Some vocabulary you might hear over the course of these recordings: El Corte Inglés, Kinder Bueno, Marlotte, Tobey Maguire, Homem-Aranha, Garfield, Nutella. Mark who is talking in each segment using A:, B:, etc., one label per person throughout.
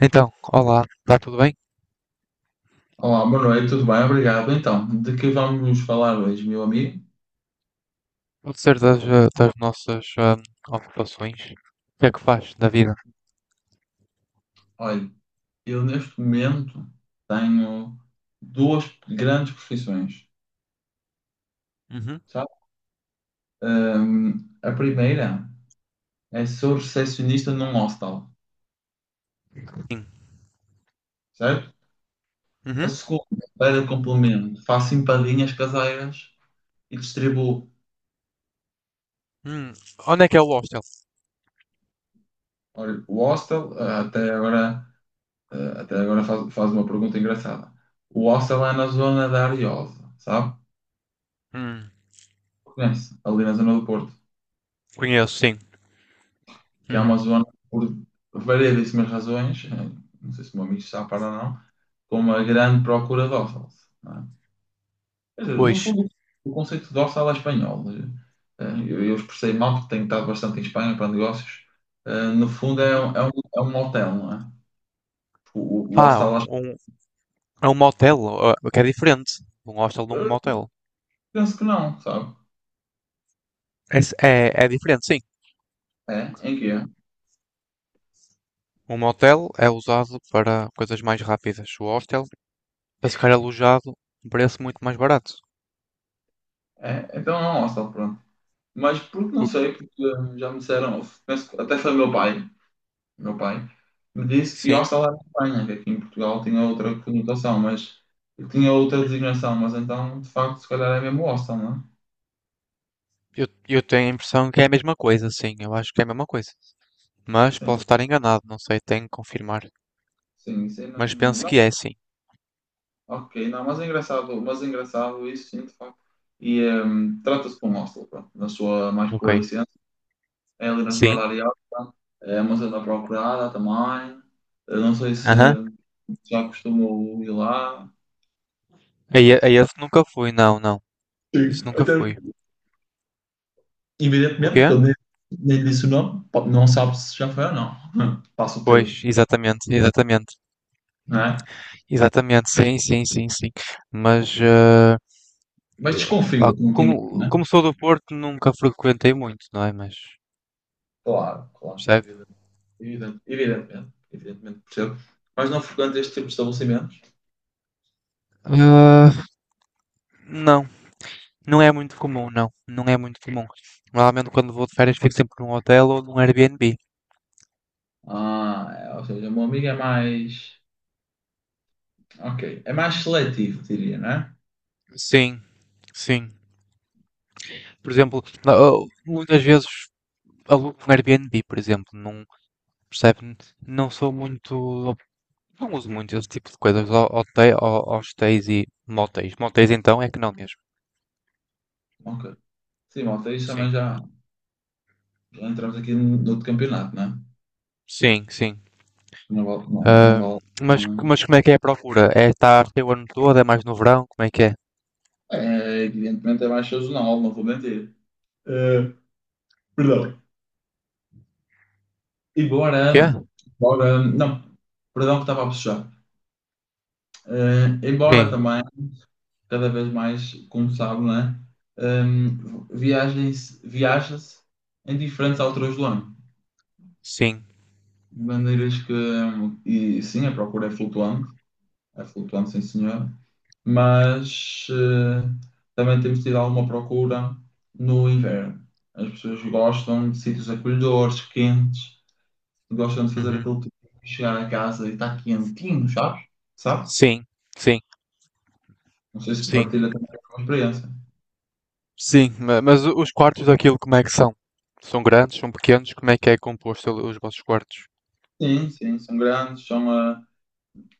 A: Então, olá, está tudo bem?
B: Olá, boa noite, tudo bem? Obrigado. Então, de que vamos falar hoje, meu amigo?
A: Pode ser das, das nossas ocupações. O que é que faz da vida?
B: Olha, eu neste momento tenho duas grandes profissões,
A: Uhum.
B: sabe? A primeira é sou recepcionista num hostel,
A: Sim.
B: certo? A
A: Uhum.
B: segunda, para complemento, faço empadinhas caseiras e distribuo.
A: Hum, onde é que é o hostel?
B: Olha, o hostel, até agora, até agora faz uma pergunta engraçada. O hostel é na zona da Ariosa, sabe?
A: Hum,
B: Conhece? Ali na zona do Porto.
A: Conheço, sim.
B: Que é
A: Uhum.
B: uma zona, por variedíssimas razões, não sei se o meu amigo está a par ou não, com uma grande procura dorsal. Não é? Quer dizer, no
A: Pois.
B: fundo, o conceito de dorsal é espanhol. Eu expressei mal, porque tenho estado bastante em Espanha para negócios. No fundo,
A: Uhum.
B: é um hotel, não é? O, o
A: Ah,
B: hostel,
A: um, um, é um motel, ah, que é diferente. Um hostel de um
B: eh,
A: motel.
B: penso que não, sabe?
A: É, é, é diferente, sim.
B: É? Em que é?
A: Um motel é usado para coisas mais rápidas. O hostel, para ficar alojado, um preço muito mais barato.
B: É, então é um hostel, pronto. Mas porque não
A: O-
B: sei, porque já me disseram, penso que até foi meu pai me disse que
A: Sim,
B: hostel era em Espanha, que aqui em Portugal tinha outra conotação, mas tinha outra designação, mas então, de facto, se calhar é mesmo hostel, não é?
A: eu tenho a impressão que é a mesma coisa, sim. Eu acho que é a mesma coisa. Mas posso
B: Sim,
A: estar enganado, não sei, tenho que confirmar.
B: sim, isso aí
A: Mas penso que é sim.
B: ok, não, mas é engraçado isso, sim, de facto. E trata-se de um hostel, pronto, na sua mais
A: Ok.
B: pura essência, é ali na zona
A: Sim?
B: da Ariosta, é uma zona procurada também, eu não sei se
A: Aham.
B: já costumou ir lá.
A: A esse nunca fui, não, não. Isso
B: Sim,
A: nunca
B: até
A: fui. O
B: evidentemente,
A: quê?
B: porque eu nem disse o nome, não sabe se já foi ou não. Passa o
A: Pois,
B: termo,
A: exatamente, exatamente.
B: não é?
A: Exatamente, sim, sim, sim, sim. Mas,
B: Mas
A: pá,
B: desconfio, não tem medo,
A: como
B: é?
A: sou do Porto, nunca frequentei muito, não é? Mas,
B: Claro, claro,
A: percebe?
B: evidente, evidente, evidentemente, evidentemente, percebo. Mas não frequento este tipo de estabelecimentos.
A: Ah, não, não é muito comum, não. Não é muito comum. Normalmente quando vou de férias fico sempre num hotel ou num Airbnb.
B: Ah, é, ou seja, o meu amigo é mais. Ok, é mais seletivo, diria, né?
A: Sim, sim. Por exemplo, muitas vezes alugo um Airbnb, por exemplo, não percebe, não sou muito, não uso muito esse tipo de coisas, hotel, hostéis e motéis. Motéis então é que não mesmo.
B: Ok. Sim, malta, isso
A: Sim,
B: também já, já entramos aqui no outro campeonato, né?
A: sim, sim.
B: Não vale, não
A: Ah,
B: vale. Não.
A: mas como é que é a procura? É estar o ano todo? É mais no verão? Como é que é?
B: É, evidentemente é mais sazonal, não vou mentir. Eh, Perdão.
A: O
B: Embora,
A: quê?
B: embora, não, perdão que estava a puxar. Embora
A: Sim,
B: também, cada vez mais, como sabe, né, viagens, viaja-se em diferentes alturas do ano.
A: sim,
B: De maneiras que, e sim, a procura é flutuante, sim senhor, mas também temos tido alguma procura no inverno. As pessoas gostam de sítios acolhedores, quentes, gostam de fazer
A: uhum.
B: aquele tipo de chegar a casa e está quentinho, sabes? Sabe?
A: Sim, sim,
B: Não sei se
A: sim,
B: partilha também a experiência.
A: sim. Mas os quartos daquilo como é que são? São grandes? São pequenos? Como é que é composto os vossos quartos?
B: Sim, sim, são grandes, são.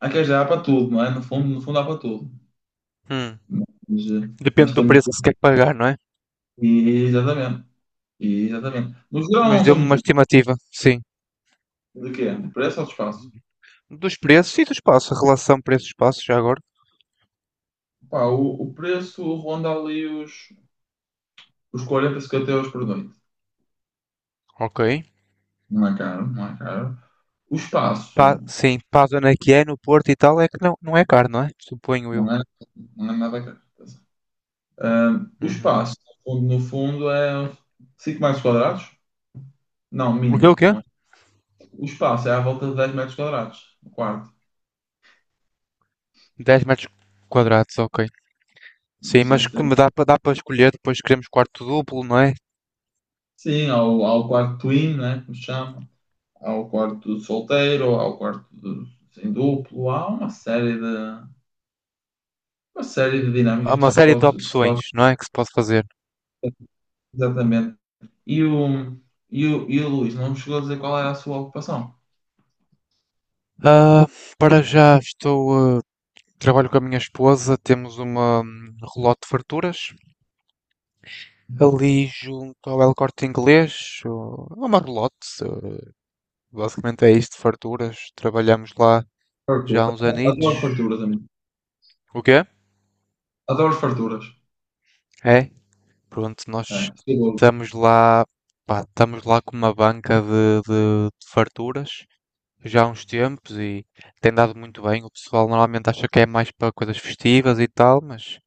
B: Há quem já há para tudo, não é? No fundo, no fundo há para tudo.
A: Hum.
B: Mas,
A: Depende
B: nós
A: do
B: temos.
A: preço que se quer pagar, não é?
B: E, exatamente. E, exatamente. No geral,
A: Mas
B: não são
A: deu-me uma
B: muito grandes.
A: estimativa, sim.
B: De quê? De preço ou de espaço?
A: Dos preços e do espaço, a relação preço-espaço, já agora.
B: Pá, o preço ronda ali os 40, 50 € por noite.
A: Ok.
B: Não é caro, não é caro. O
A: Pá,
B: espaço
A: sim, para a zona que é, no Porto e tal, é que não, não é caro, não é? Suponho eu.
B: não é, não é nada caro. Ah, o
A: Uhum.
B: espaço, no fundo, no fundo é 5 metros quadrados? Não,
A: O quê,
B: minto.
A: o quê?
B: O espaço é à volta de 10 metros quadrados, o quarto.
A: 10 metros quadrados, ok.
B: Não
A: Sim,
B: sei
A: mas
B: se
A: que
B: tem...
A: me dá para dá para escolher, depois queremos quarto duplo, não é?
B: Sim, há o quarto twin, né, como se chama. Há o quarto solteiro, há o quarto do- em duplo. Há uma série de
A: Há
B: dinâmicas
A: uma série de
B: que se
A: opções,
B: pode...
A: não é? Que se pode fazer.
B: Exatamente. E o, e o Luís não me chegou a dizer qual era a sua ocupação.
A: Ah, para já estou, ah, trabalho com a minha esposa, temos uma relote de farturas, ali junto ao El Corte Inglês, ou ao Marlotte, eh, basicamente é isto, farturas, trabalhamos lá já há
B: Fartura.
A: uns anitos.
B: Adoro farturas, amigo.
A: O quê?
B: Adoro farturas.
A: É, pronto,
B: É,
A: nós
B: seguro.
A: estamos lá, pá, estamos lá com uma banca de, de farturas já há uns tempos e tem dado muito bem. O pessoal normalmente acha que é mais para coisas festivas e tal, mas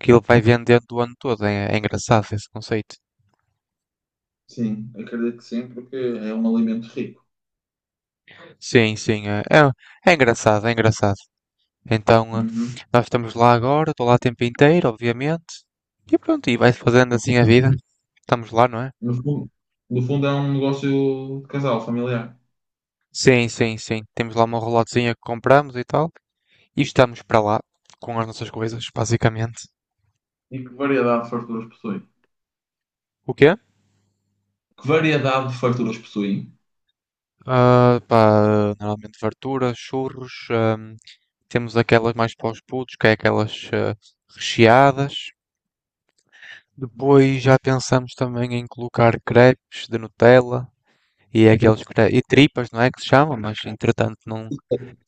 A: aquilo vai vendendo o ano todo, é, é engraçado esse conceito.
B: Sim, acredito que sim, porque é um alimento rico.
A: Sim, sim, é, é engraçado, é engraçado. Então, eh,
B: Uhum.
A: nós estamos lá agora, estou lá o tempo inteiro, obviamente. E pronto, e vai-se fazendo assim a vida. Estamos lá, não é?
B: No fundo, no fundo é um negócio de casal, familiar.
A: Sim, sim, sim. Temos lá uma relotezinha que compramos e tal. E estamos para lá com as nossas coisas, basicamente.
B: E que variedade de farturas possui?
A: O quê?
B: Que variedade de farturas possuem?
A: Ah, pá, normalmente fartura, churros. Temos aquelas mais para os putos, que é aquelas ah, recheadas. Depois já pensamos também em colocar crepes de Nutella e aqueles e tripas, não é que se chama, mas entretanto não,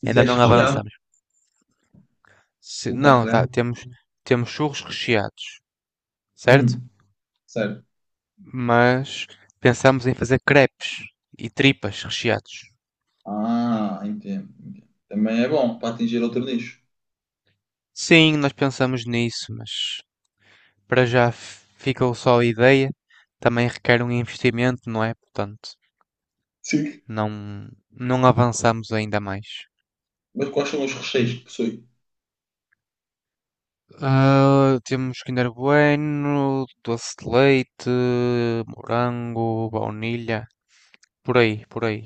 B: Isso
A: ainda
B: é
A: não
B: recheado,
A: avançamos.
B: colocar
A: Não, tá,
B: creme.
A: temos churros recheados, certo?
B: Hum, certo.
A: Mas pensamos em fazer crepes e tripas recheados.
B: Ah, entendo, entendo. Também é bom para atingir outro nicho.
A: Sim, nós pensamos nisso, mas para já ficou só a ideia. Também requer um investimento, não é? Portanto,
B: Sim.
A: não, não avançamos ainda mais.
B: Mas quais são os recheios que possui?
A: Ah, temos Kinder Bueno, doce de leite, morango, baunilha, por aí,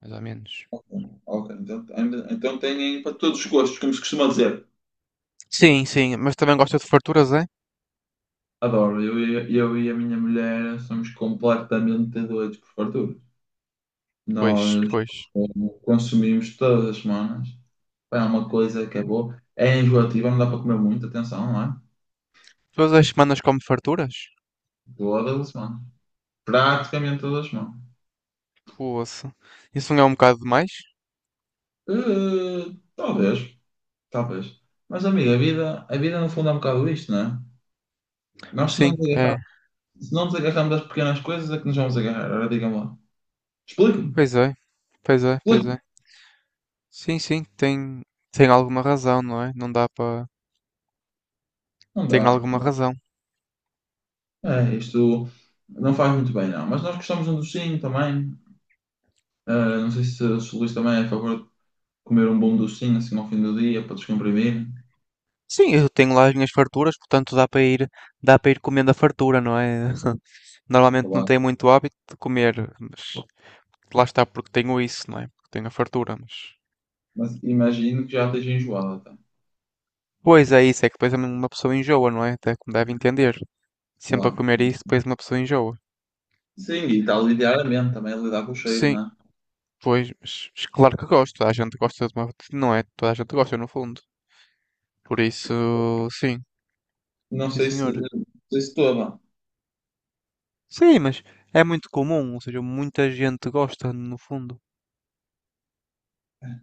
A: mais ou menos.
B: Ok, ok. Então, ainda- então têm para todos os gostos, como se costuma dizer.
A: Sim, sim, mas também gosta de farturas, é?
B: Adoro, eu, eu e a minha mulher somos completamente doidos por fartura.
A: Pois,
B: Nós
A: pois.
B: Consumimos todas as semanas. Pá, é uma coisa que é boa. É enjoativa, não dá para comer muito, atenção, não é?
A: Todas as semanas come farturas?
B: Todas as semanas. Praticamente todas as semanas.
A: Poxa, isso não é um bocado demais?
B: Eh, talvez, Talvez. Mas, amigo, a vida no fundo é um bocado isto, não é? Nós se não
A: Sim,
B: nos
A: é.
B: agarrar- Se não nos agarrarmos das pequenas coisas, é que nos vamos agarrar. Agora digam lá. Explica-me,
A: Pois é, pois é, pois
B: explica-me.
A: é. Sim, sim, tem, tem alguma razão, não é? Não dá para.
B: Não
A: Tem
B: dá.
A: alguma razão.
B: É, isto não faz muito bem, não. Mas nós gostamos de um docinho também. Ah, não sei se, se o Luís também é a favor de comer um bom docinho assim ao fim do dia para descomprimir.
A: Sim, eu tenho lá as minhas farturas, portanto dá para ir comendo a fartura, não é?
B: Sei
A: Normalmente não
B: lá.
A: tenho muito hábito de comer, mas lá está porque tenho isso, não é? Porque tenho a fartura, mas.
B: Mas imagino que já esteja enjoado até.
A: Pois é, isso é que depois uma pessoa enjoa, não é? Até como deve entender.
B: Sei
A: Sempre a
B: lá.
A: comer isso, depois uma pessoa enjoa.
B: Sim, e está a lidar a mente também, a lidar com o cheiro,
A: Sim,
B: não é?
A: pois, mas claro que gosto. Toda a gente gosta de uma. Não é? Toda a gente gosta, no fundo. Por isso, sim,
B: Não
A: sim,
B: sei se,
A: senhora.
B: não sei se toma.
A: Sim, mas é muito comum, ou seja, muita gente gosta, no fundo.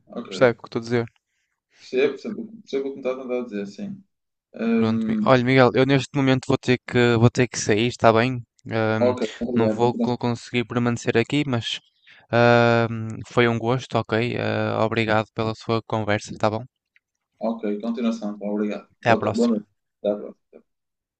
B: Ok.
A: Percebe o que estou a dizer?
B: Percebo, percebo, percebo o que me está a tentar dizer, sim.
A: Pronto,
B: Hum,
A: olha, Miguel, eu neste momento vou ter que sair, está bem? Ahm,
B: ok,
A: não
B: obrigado.
A: vou
B: Continuação.
A: conseguir permanecer aqui, mas foi um gosto, ok? Ah, obrigado pela sua conversa, está bom?
B: Ok, continuação. Tá, obrigado.
A: Até à
B: Boa, boa
A: próxima.
B: noite. Até à próxima.